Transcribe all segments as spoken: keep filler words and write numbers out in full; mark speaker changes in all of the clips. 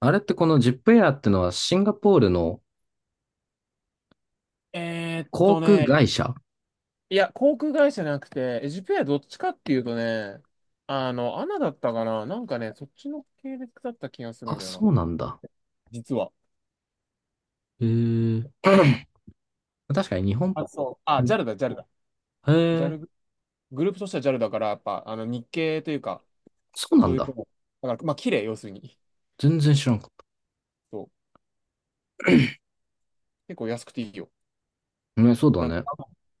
Speaker 1: あれってこのジップエアってのはシンガポールの
Speaker 2: えーっ
Speaker 1: 航
Speaker 2: と
Speaker 1: 空
Speaker 2: ね、
Speaker 1: 会社？
Speaker 2: いや、航空会社じゃなくて、エジプエアどっちかっていうとね、あの、アナだったかな、なんかね、そっちの系列だった気がするん
Speaker 1: あ、
Speaker 2: だよな。
Speaker 1: そうなんだ。
Speaker 2: 実は。
Speaker 1: へえ。確かに日本、
Speaker 2: あ、そう。あ、ジャ
Speaker 1: に
Speaker 2: ルだ、ジャルだ。
Speaker 1: へ
Speaker 2: ジャ
Speaker 1: え、
Speaker 2: ルグ、ループとしてはジャルだから、やっぱ、あの、日系というか、
Speaker 1: そうな
Speaker 2: そ
Speaker 1: ん
Speaker 2: ういう系
Speaker 1: だ。
Speaker 2: も。だから、まあ、綺麗、要するに。
Speaker 1: 全然知らんかっ
Speaker 2: そう。結構安くていいよ。
Speaker 1: た。ね、そうだ
Speaker 2: なんか、
Speaker 1: ね。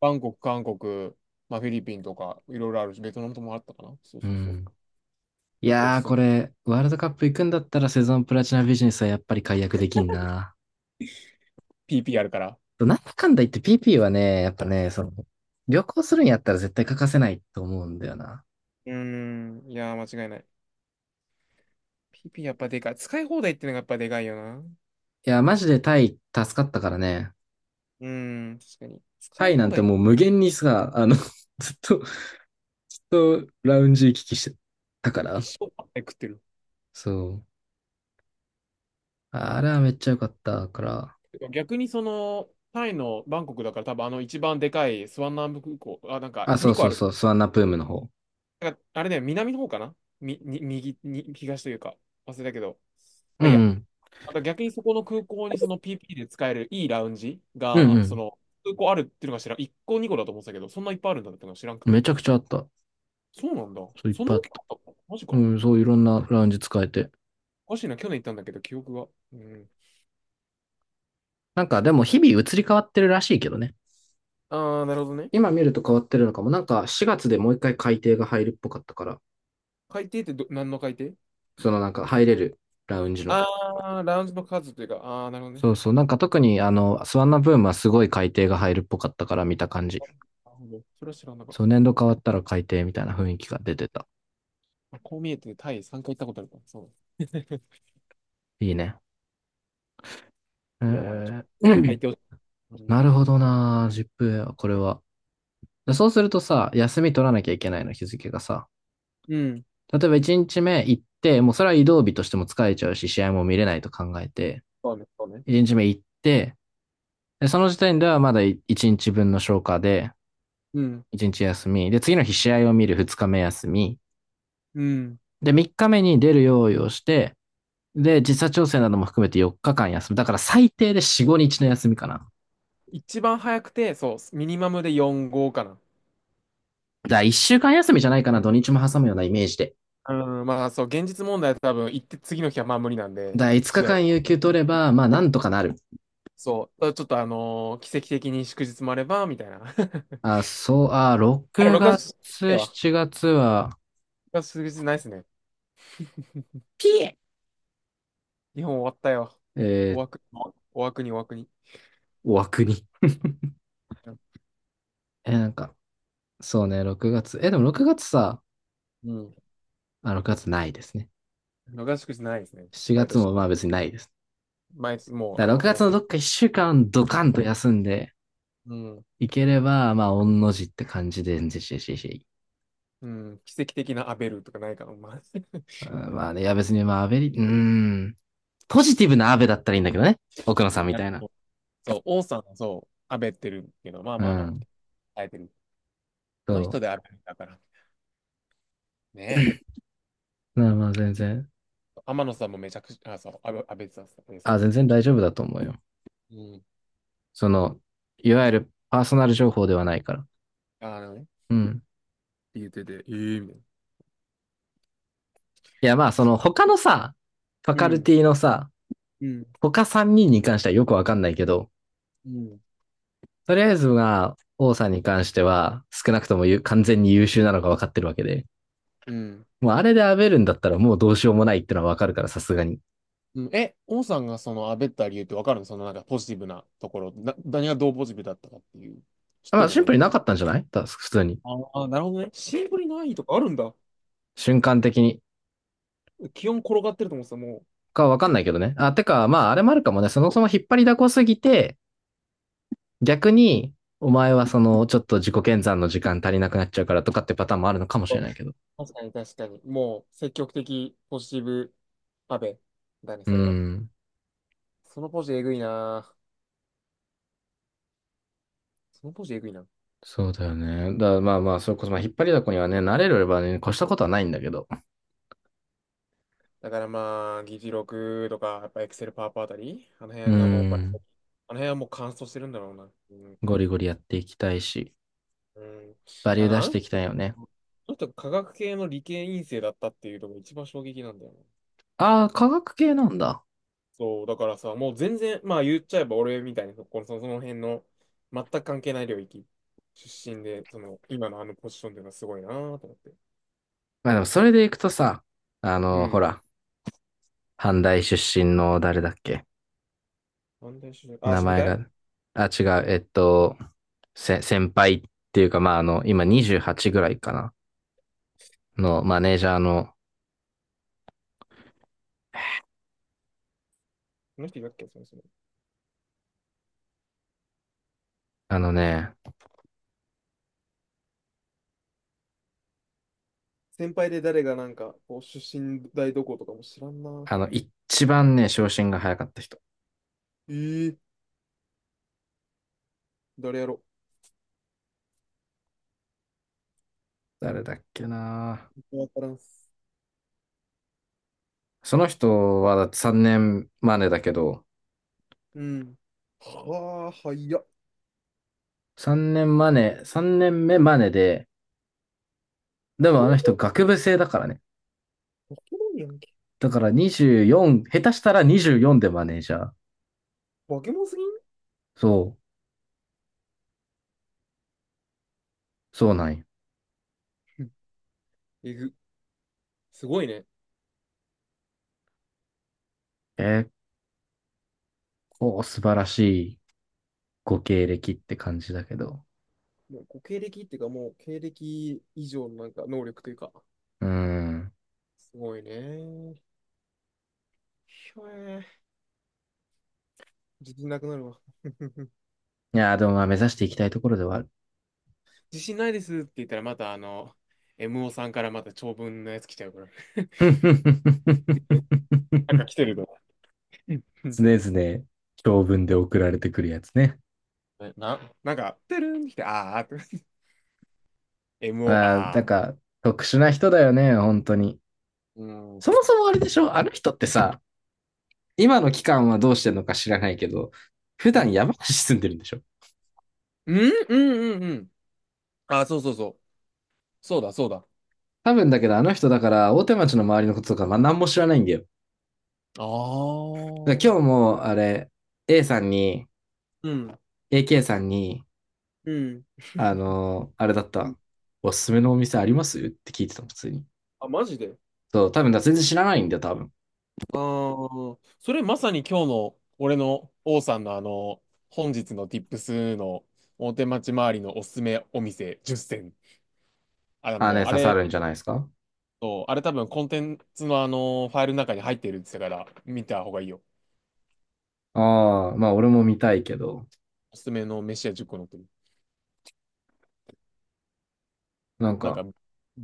Speaker 2: バンコク、韓国、まあ、フィリピンとか、いろいろあるし、ベトナムともあったかな。そう
Speaker 1: う
Speaker 2: そうそう。
Speaker 1: ん。い
Speaker 2: 結構お
Speaker 1: や
Speaker 2: す
Speaker 1: ー、
Speaker 2: すめ。
Speaker 1: これ、ワールドカップ行くんだったらセゾンプラチナビジネスはやっぱり解約できんな。
Speaker 2: ピーピー あるから。
Speaker 1: なんだかんだ言って ピーピー はね、やっぱね、その、旅行するんやったら絶対欠かせないと思うんだよな。
Speaker 2: うーん、いやー、間違いない。ピーピー やっぱでかい。使い放題ってのがやっぱでかいよな。
Speaker 1: いや、マジでタイ助かったからね。
Speaker 2: うん、確かに。使
Speaker 1: タ
Speaker 2: い
Speaker 1: イな
Speaker 2: 放
Speaker 1: んて
Speaker 2: 題、
Speaker 1: もう無限にさ、あの、ずっとずっとラウンジ行き来してたか
Speaker 2: 一
Speaker 1: ら。
Speaker 2: 生パッタイ食ってる。
Speaker 1: そう。あれはめっちゃ良かったから。
Speaker 2: 逆にその、タイのバンコクだから、多分あの一番でかいスワンナンブ空港、あ、なんか
Speaker 1: あ、そう
Speaker 2: にこ
Speaker 1: そ
Speaker 2: あ
Speaker 1: う
Speaker 2: る。
Speaker 1: そう、スワンナプームの方。
Speaker 2: なんかあれだよ、南の方かな、み、に、右、に、東というか、忘れたけど。ま
Speaker 1: う
Speaker 2: あいいや。
Speaker 1: ん
Speaker 2: あと逆に、そこの空港にその ピーピー で使えるいいラウンジ
Speaker 1: うん。う
Speaker 2: が、そ
Speaker 1: ん
Speaker 2: の、空港あるっていうのが知らん。いっこにこだと思ってたけど、そんないっぱいあるんだってのが知らんく
Speaker 1: うん。め
Speaker 2: て。
Speaker 1: ちゃくちゃあった。
Speaker 2: そうなんだ。
Speaker 1: そう、いっ
Speaker 2: そん
Speaker 1: ぱ
Speaker 2: な
Speaker 1: いあ
Speaker 2: 大
Speaker 1: っ
Speaker 2: きか
Speaker 1: た。
Speaker 2: ったの、マジ
Speaker 1: う
Speaker 2: か。
Speaker 1: ん、そう、いろんなラウンジ使えて。
Speaker 2: おかしいな、去年行ったんだけど、記憶が。うん。
Speaker 1: なんか、でも日々移り変わってるらしいけどね。
Speaker 2: ああ、なるほどね。
Speaker 1: 今見ると変わってるのかも。なんか、しがつでもう一回改定が入るっぽかったから。
Speaker 2: 海底ってど、何の海底。
Speaker 1: そのなんか、入れるラウンジの。
Speaker 2: ああー、ラウンジの数というか、ああ、なるほどね。
Speaker 1: そ
Speaker 2: は
Speaker 1: う
Speaker 2: い
Speaker 1: そう。
Speaker 2: はい
Speaker 1: なん
Speaker 2: はい。
Speaker 1: か特に、あの、スワンナブームはすごい改定が入るっぽかったから見た感じ。
Speaker 2: あ、なるほど。それは知らなかっ
Speaker 1: そう、年度変わったら改定みたいな雰囲気が出てた。
Speaker 2: た。こう見えて、タイさんかい行ったことあるから、そう。
Speaker 1: いいね。え
Speaker 2: いやー、
Speaker 1: ー、
Speaker 2: 海底を、う ん。
Speaker 1: なるほどなー、ジップエア、これは。でそうするとさ、休み取らなきゃいけないの、日付がさ。
Speaker 2: うん。
Speaker 1: 例えばいちにちめ行って、もうそれは移動日としても疲れちゃうし、試合も見れないと考えて、
Speaker 2: そうね、そうね。
Speaker 1: いちにちめ行って、でその時点ではまだいちにちぶんの消化で、
Speaker 2: うん。
Speaker 1: いちにち休み、で、次の日試合を見るふつかめ休み、
Speaker 2: うん。
Speaker 1: で、みっかめに出る用意をして、で、時差調整なども含めてよっかかん休む。だから最低でよん、いつかの休みかな。だか
Speaker 2: 一番早くて、そう、ミニマムでよん号かな。
Speaker 1: らいっしゅうかん休みじゃないかな、土日も挟むようなイメージで。
Speaker 2: うん、まあそう、現実問題は多分行って次の日はまあ無理なんで、
Speaker 1: だから5
Speaker 2: 試合
Speaker 1: 日間
Speaker 2: は。
Speaker 1: 有給取れば、まあなんとかなる。
Speaker 2: そう、ちょっとあのー奇跡的に祝日もあれば、みたいな。
Speaker 1: あ、そう、あ、
Speaker 2: あ、でも
Speaker 1: 6
Speaker 2: ろくがつええ
Speaker 1: 月、
Speaker 2: わ。ろ
Speaker 1: しちがつは、
Speaker 2: くがつ数日ないっすね。日本終わったよ。
Speaker 1: え
Speaker 2: お
Speaker 1: ー、
Speaker 2: 枠、もお枠にお枠に。
Speaker 1: お枠に。え、なんか、そうね、ろくがつ。え、でもろくがつさ、
Speaker 2: うん。
Speaker 1: あ、ろくがつないですね。
Speaker 2: 逃しくじないですね。
Speaker 1: 7
Speaker 2: 毎
Speaker 1: 月
Speaker 2: 年。
Speaker 1: もまあ別にないです。
Speaker 2: 毎年、もう、
Speaker 1: だから
Speaker 2: あ
Speaker 1: ろくがつ
Speaker 2: の、
Speaker 1: のどっかいっしゅうかんドカンと休んで
Speaker 2: うん。うん。
Speaker 1: いければ、まあ、御の字って感じで、んぜししし。
Speaker 2: うん、奇跡的なアベルとかないかな。まあ、
Speaker 1: うんまあね、いや別にまあ、アベリ、うーん、ポジティブなアベだったらいいんだけどね。奥野さんみたいな。
Speaker 2: そうそう、王さんはそう、アベってるけど、まあ
Speaker 1: う
Speaker 2: まあまあ、み
Speaker 1: ん、
Speaker 2: たいな。耐えてる。あ
Speaker 1: そ
Speaker 2: の人でアベだから。ねえ。
Speaker 1: う。まあまあ全然。
Speaker 2: 天野さんもめちゃくちゃ、あ、そう、アベ、アベさん、アベさ
Speaker 1: あ、
Speaker 2: ん
Speaker 1: 全
Speaker 2: も。
Speaker 1: 然大丈夫だと思うよ。
Speaker 2: うん。
Speaker 1: その、いわゆるパーソナル情報ではないから。
Speaker 2: あのね。っ
Speaker 1: うん。
Speaker 2: て言ってて、ええみたい
Speaker 1: いや、まあ、そ
Speaker 2: な。
Speaker 1: の
Speaker 2: か。
Speaker 1: 他のさ、ファ
Speaker 2: う
Speaker 1: カル
Speaker 2: ん。
Speaker 1: ティのさ、
Speaker 2: うん。
Speaker 1: 他3人にんに関してはよくわかんないけど、
Speaker 2: うん。
Speaker 1: とりあえずが、王さんに関しては、少なくともゆ完全に優秀なのがわかってるわけで。
Speaker 2: うん。
Speaker 1: もうあれでアベるんだったらもうどうしようもないってのはわかるから、さすがに。
Speaker 2: うん、え、王さんがそのあべった理由ってわかるの、そのなんかポジティブなところ。な、何がどうポジティブだったかっていう。知っ
Speaker 1: ま
Speaker 2: て
Speaker 1: あ、
Speaker 2: んの、
Speaker 1: シンプ
Speaker 2: 何
Speaker 1: ルに
Speaker 2: か。
Speaker 1: なかったんじゃないた普通に。
Speaker 2: ああ、なるほどね。シンプルにないとかあるんだ。
Speaker 1: 瞬間的に。
Speaker 2: 気温転がってると思ってた、も
Speaker 1: かわかんないけどね。あ、てか、まあ、あれもあるかもね。そもそも引っ張りだこすぎて、逆に、お前はその、ちょっと自己研鑽の時間足りなくなっちゃうからとかってパターンもあるのかもし
Speaker 2: う。
Speaker 1: れ
Speaker 2: あ、
Speaker 1: ないけど。
Speaker 2: 確かに確かに。もう、積極的、ポジティブ、安倍だね、
Speaker 1: う
Speaker 2: それは。
Speaker 1: ん。
Speaker 2: そのポジえぐいな。そのポジえぐいな。
Speaker 1: そうだよね。だからまあまあ、それこそ、まあ、引っ張りだこにはね、慣れればね、越したことはないんだけど。
Speaker 2: だからまあ、議事録とか、やっぱエクセルパワーポあたり、あの
Speaker 1: う
Speaker 2: 辺がもうバリ、
Speaker 1: ん。
Speaker 2: あの辺はもう乾燥してるんだろうな。うん。
Speaker 1: ゴリゴリやっていきたいし、
Speaker 2: うん。
Speaker 1: バリュ
Speaker 2: あ
Speaker 1: ー
Speaker 2: の、
Speaker 1: 出
Speaker 2: あ
Speaker 1: し
Speaker 2: の、
Speaker 1: て
Speaker 2: そ
Speaker 1: いきたいよね。
Speaker 2: の、人科学系の理系院生だったっていうのが一番衝撃なんだよね。
Speaker 1: ああ、科学系なんだ。
Speaker 2: そう、だからさ、もう全然、まあ言っちゃえば俺みたいな、そこの、そのその辺の全く関係ない領域出身で、その、今のあのポジションっていうのはすごいなぁと思って。
Speaker 1: まあでも、それでいくとさ、あ
Speaker 2: う
Speaker 1: の、
Speaker 2: ん。
Speaker 1: ほら、阪大出身の誰だっけ
Speaker 2: なんで出身、あ、
Speaker 1: 名
Speaker 2: 知み
Speaker 1: 前
Speaker 2: たい。
Speaker 1: が、あ、違う、えっと、せ、先輩っていうか、まああの、今にじゅうはちぐらいかな。のマネージャーの
Speaker 2: この人いたっけ、その人。
Speaker 1: あのね、
Speaker 2: 先輩で誰がなんか、こう出身大どことかも知らんな。
Speaker 1: あの、一番ね、昇進が早かった人。
Speaker 2: えー、誰やろ。
Speaker 1: 誰だっけな。
Speaker 2: わからんっす。
Speaker 1: その人はだってさんねんマネだけど、
Speaker 2: うん。はあ、はいや。
Speaker 1: 3年マネ、さんねんめマネで、でもあの
Speaker 2: 三
Speaker 1: 人学部生だからね。
Speaker 2: 化け物やんけ。
Speaker 1: だからにじゅうよん、下手したらにじゅうよんでマネージャー。
Speaker 2: 化け物すぎん。
Speaker 1: そう、そうなんよ。
Speaker 2: うん。えぐ。すごいね。
Speaker 1: 結構素晴らしいご経歴って感じだけど。
Speaker 2: もうご経歴っていうか、もう経歴以上のなんか能力というか、
Speaker 1: うーん。
Speaker 2: すごいね。ひょえー、自信なくなるわ。
Speaker 1: いやー、でもまあ目指していきたいところではある。
Speaker 2: 自信ないですって言ったら、またあの、エムオー さんからまた長文のやつ来ちゃうから。なんか来 てると。うん。
Speaker 1: 常々長文で 送られてくるやつね。
Speaker 2: え、な、なんか、てるんってきて、あーって。
Speaker 1: あ
Speaker 2: エムオー、
Speaker 1: あ、な
Speaker 2: あ
Speaker 1: んか特殊な人だよね、本当に。
Speaker 2: ー。うん。
Speaker 1: そもそもあれでしょあの人ってさ、今の期間はどうしてんのか知らないけど、普
Speaker 2: う
Speaker 1: 段
Speaker 2: ん。
Speaker 1: 山梨住んでるんでしょ
Speaker 2: うん、うん、うん、うん。あ、そうそうそう。そうだ、そうだ。
Speaker 1: 多分だけどあの人だから大手町の周りのこととかまあ何も知らないんだよ。
Speaker 2: あ
Speaker 1: だから
Speaker 2: あ。
Speaker 1: 今日もあれ、A さんに、
Speaker 2: うん。
Speaker 1: エーケー さんに、
Speaker 2: うん。
Speaker 1: あのーあれだった。おすすめのお店ありますって聞いてたの、普通に。
Speaker 2: あ、マジで。
Speaker 1: そう、多分だ、全然知らないんだよ、多分。
Speaker 2: ああ、それまさに今日の俺の王さんのあの、本日の Tips の大手町周りのおすすめお店じゅっせん。あ
Speaker 1: ああね、
Speaker 2: の、あ
Speaker 1: 刺さ
Speaker 2: れ、
Speaker 1: るん
Speaker 2: 結
Speaker 1: じゃないですか。
Speaker 2: 構あれ多分コンテンツのあの、ファイルの中に入ってるって言ってたから、見た方がいいよ。
Speaker 1: ああ、まあ俺も見たいけど、
Speaker 2: おすすめの飯屋じゅっこ載ってる。
Speaker 1: なん
Speaker 2: なん
Speaker 1: か、
Speaker 2: か、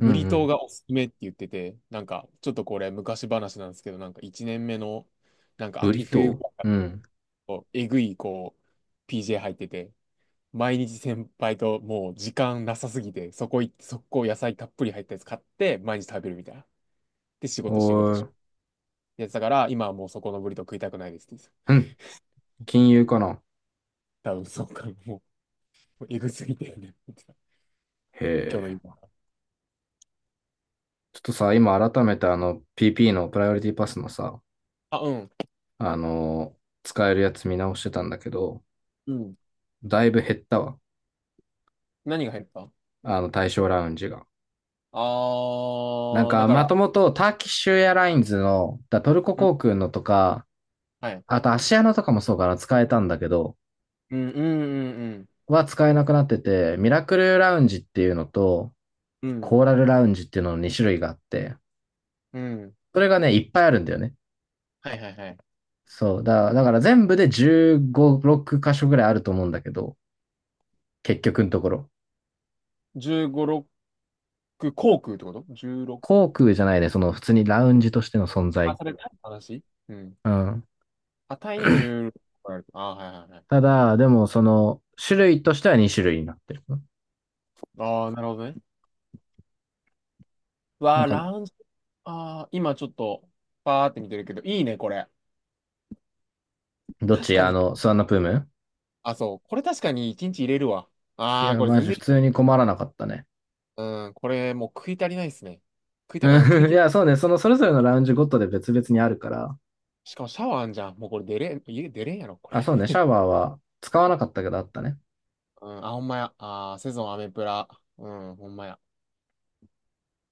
Speaker 1: うんう
Speaker 2: リトー
Speaker 1: ん。
Speaker 2: がおすすめって言ってて、なんか、ちょっとこれ昔話なんですけど、なんかいちねんめの、なんか
Speaker 1: ブ
Speaker 2: 秋
Speaker 1: リ
Speaker 2: 冬ぐ
Speaker 1: ト
Speaker 2: ら
Speaker 1: ー
Speaker 2: い
Speaker 1: うん。
Speaker 2: のえぐい、こう、ピージェー 入ってて、毎日先輩ともう時間なさすぎて、そこ行って、速攻野菜たっぷり入ったやつ買って、毎日食べるみたいな。で、仕
Speaker 1: お
Speaker 2: 事仕事し、
Speaker 1: ー、
Speaker 2: やつだから、今はもうそこのブリトー食いたくないですって言って
Speaker 1: うん。金融かな。
Speaker 2: た。多分そうか、もう、えぐすぎてよね。今日
Speaker 1: へ
Speaker 2: の
Speaker 1: え。
Speaker 2: 今。
Speaker 1: ちょっとさ、今改めてあの ピーピー のプライオリティパスのさ、
Speaker 2: あ、うん。
Speaker 1: あのー使えるやつ見直してたんだけど、
Speaker 2: うん。
Speaker 1: だいぶ減ったわ。
Speaker 2: 何が入った。
Speaker 1: あの対象ラウンジが。
Speaker 2: あ
Speaker 1: なん
Speaker 2: ー、だ
Speaker 1: か、
Speaker 2: か
Speaker 1: ま
Speaker 2: ら、
Speaker 1: ともとターキッシュエアラインズの、だトルコ
Speaker 2: うん、
Speaker 1: 航空のとか、
Speaker 2: はい。
Speaker 1: あとアシアナとかもそうかな、使えたんだけど、
Speaker 2: うん、うん、うん、
Speaker 1: は使えなくなってて、ミラクルラウンジっていうのと、
Speaker 2: うん。
Speaker 1: コーラルラウンジっていうののに種類があって、
Speaker 2: うん、うん。
Speaker 1: それがね、いっぱいあるんだよね。
Speaker 2: はいはいはい。
Speaker 1: そう。だ、だから全部でじゅうご、ろく箇所ぐらいあると思うんだけど、結局のところ。
Speaker 2: じゅうご、ろく、航空ってこと？ じゅうろく。
Speaker 1: 航空じゃないね、その普通にラウンジとしての存
Speaker 2: あ、
Speaker 1: 在。
Speaker 2: それ何の話。うん。
Speaker 1: うん。
Speaker 2: あ、タイにじゅうろくある。あー、はいはいは
Speaker 1: た
Speaker 2: い。
Speaker 1: だ、でもその種類としてはに種類になってる。
Speaker 2: ああ、なるほどね。わ
Speaker 1: なん
Speaker 2: あ、
Speaker 1: か、
Speaker 2: ラウンジ。ああ、今ちょっと、パーって見てるけど、いいね、これ。
Speaker 1: どっ
Speaker 2: 確
Speaker 1: ち
Speaker 2: か
Speaker 1: あ
Speaker 2: に。
Speaker 1: の、スワンナプーム。
Speaker 2: あ、そう。これ確かにいちにち入れるわ。
Speaker 1: い
Speaker 2: ああ、
Speaker 1: や、
Speaker 2: これ
Speaker 1: マ
Speaker 2: 全
Speaker 1: ジ
Speaker 2: 然
Speaker 1: 普
Speaker 2: い
Speaker 1: 通
Speaker 2: い。
Speaker 1: に困らなかったね。
Speaker 2: うん、これもう食い足りないですね。食いたい、あ、食い
Speaker 1: うん い
Speaker 2: き、
Speaker 1: や、そうね、そのそれぞれのラウンジごとで別々にあるから、
Speaker 2: しかもシャワーあんじゃん。もうこれ出れん、家出れんやろ、これ。
Speaker 1: あ、そうね、シャワーは使わなかったけどあったね。
Speaker 2: うん、あ、ほんまや。あー、セゾンアメプラ。うん、ほんまや。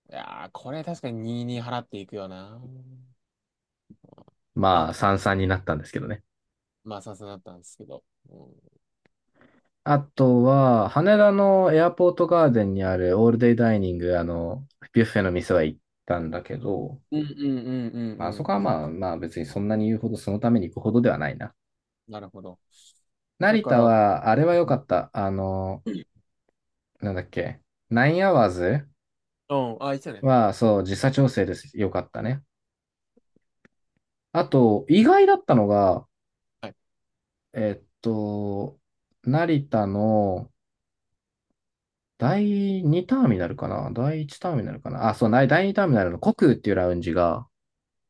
Speaker 2: いやー、これ確かににじゅうに払っていくよな。
Speaker 1: ま
Speaker 2: あ、
Speaker 1: あ、三々になったんですけどね。
Speaker 2: まあ、さすがだったんですけど。うん、
Speaker 1: あとは、羽田のエアポートガーデンにあるオールデイダイニング、あの、ビュッフェの店は行ったんだけど、
Speaker 2: うん、うん、うん、う
Speaker 1: まああ
Speaker 2: ん。う
Speaker 1: そこ
Speaker 2: ん、
Speaker 1: はまあまあ別にそんなに言うほどそのために行くほどではないな。
Speaker 2: なるほど。だ
Speaker 1: 成
Speaker 2: か
Speaker 1: 田
Speaker 2: ら、う
Speaker 1: は、あれは良か
Speaker 2: ん、
Speaker 1: った。あの、なんだっけ、ナインアワーズ
Speaker 2: うん、あ、いいっすよね。
Speaker 1: は、そう、時差調整です。良かったね。あと、意外だったのが、えっと、成田のだいにターミナルかなだいいちターミナルかなあ、そう、なだいにターミナルのコクーっていうラウンジが、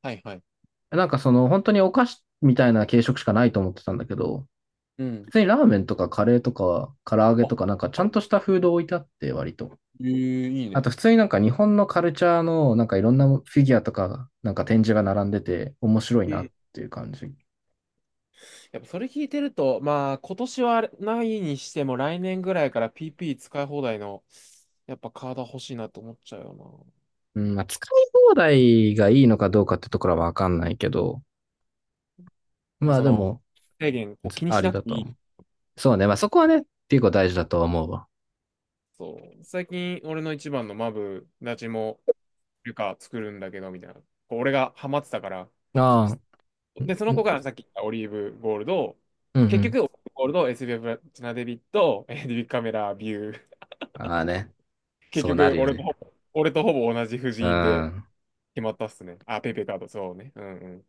Speaker 2: はいはい。
Speaker 1: なんかその本当にお菓子みたいな軽食しかないと思ってたんだけど、
Speaker 2: うん。
Speaker 1: 普通にラーメンとかカレーとか唐揚げ
Speaker 2: あ、
Speaker 1: とかなんかちゃ
Speaker 2: あ
Speaker 1: ん
Speaker 2: る。
Speaker 1: としたフード置いてあって割と。
Speaker 2: ええ、いい
Speaker 1: あ
Speaker 2: ね。
Speaker 1: と普通になんか日本のカルチャーのなんかいろんなフィギュアとかなんか展示が並んでて面白い
Speaker 2: う
Speaker 1: なっ
Speaker 2: ん。
Speaker 1: ていう感じ。
Speaker 2: やっぱそれ聞いてると、まあ今年はないにしても来年ぐらいから ピーピー 使い放題のやっぱカード欲しいなと思っちゃうよ
Speaker 1: う
Speaker 2: な。う
Speaker 1: ん、
Speaker 2: ん、
Speaker 1: まあ使い放題がいいのかどうかってところはわかんないけど、
Speaker 2: まあ
Speaker 1: まあ
Speaker 2: そ
Speaker 1: で
Speaker 2: の、
Speaker 1: も、
Speaker 2: 制限を気に
Speaker 1: あ
Speaker 2: し
Speaker 1: り
Speaker 2: なく
Speaker 1: だ
Speaker 2: て
Speaker 1: と
Speaker 2: いい。
Speaker 1: 思う。そうね、まあそこはね、結構大事だと思うわ。
Speaker 2: そう。最近俺の一番のマブダチもルカ作るんだけどみたいな。こう俺がハマってたから。
Speaker 1: あ
Speaker 2: し
Speaker 1: あ、う
Speaker 2: で、
Speaker 1: ん、
Speaker 2: そ
Speaker 1: う
Speaker 2: の子
Speaker 1: ん、
Speaker 2: がさっき言ったオリーブゴールド、
Speaker 1: うんう
Speaker 2: 結
Speaker 1: ん。
Speaker 2: 局オリーブゴールド、エスビーエフ プラチナデビット、えーデビットカメラビュー
Speaker 1: ああね、
Speaker 2: 結
Speaker 1: そうな
Speaker 2: 局、
Speaker 1: るよ
Speaker 2: 俺と
Speaker 1: ね。
Speaker 2: ほぼ、俺とほぼ同じ布
Speaker 1: う
Speaker 2: 陣で
Speaker 1: ん。
Speaker 2: 決まったっすね。あ、ペイペイカード、そうね。うんうん。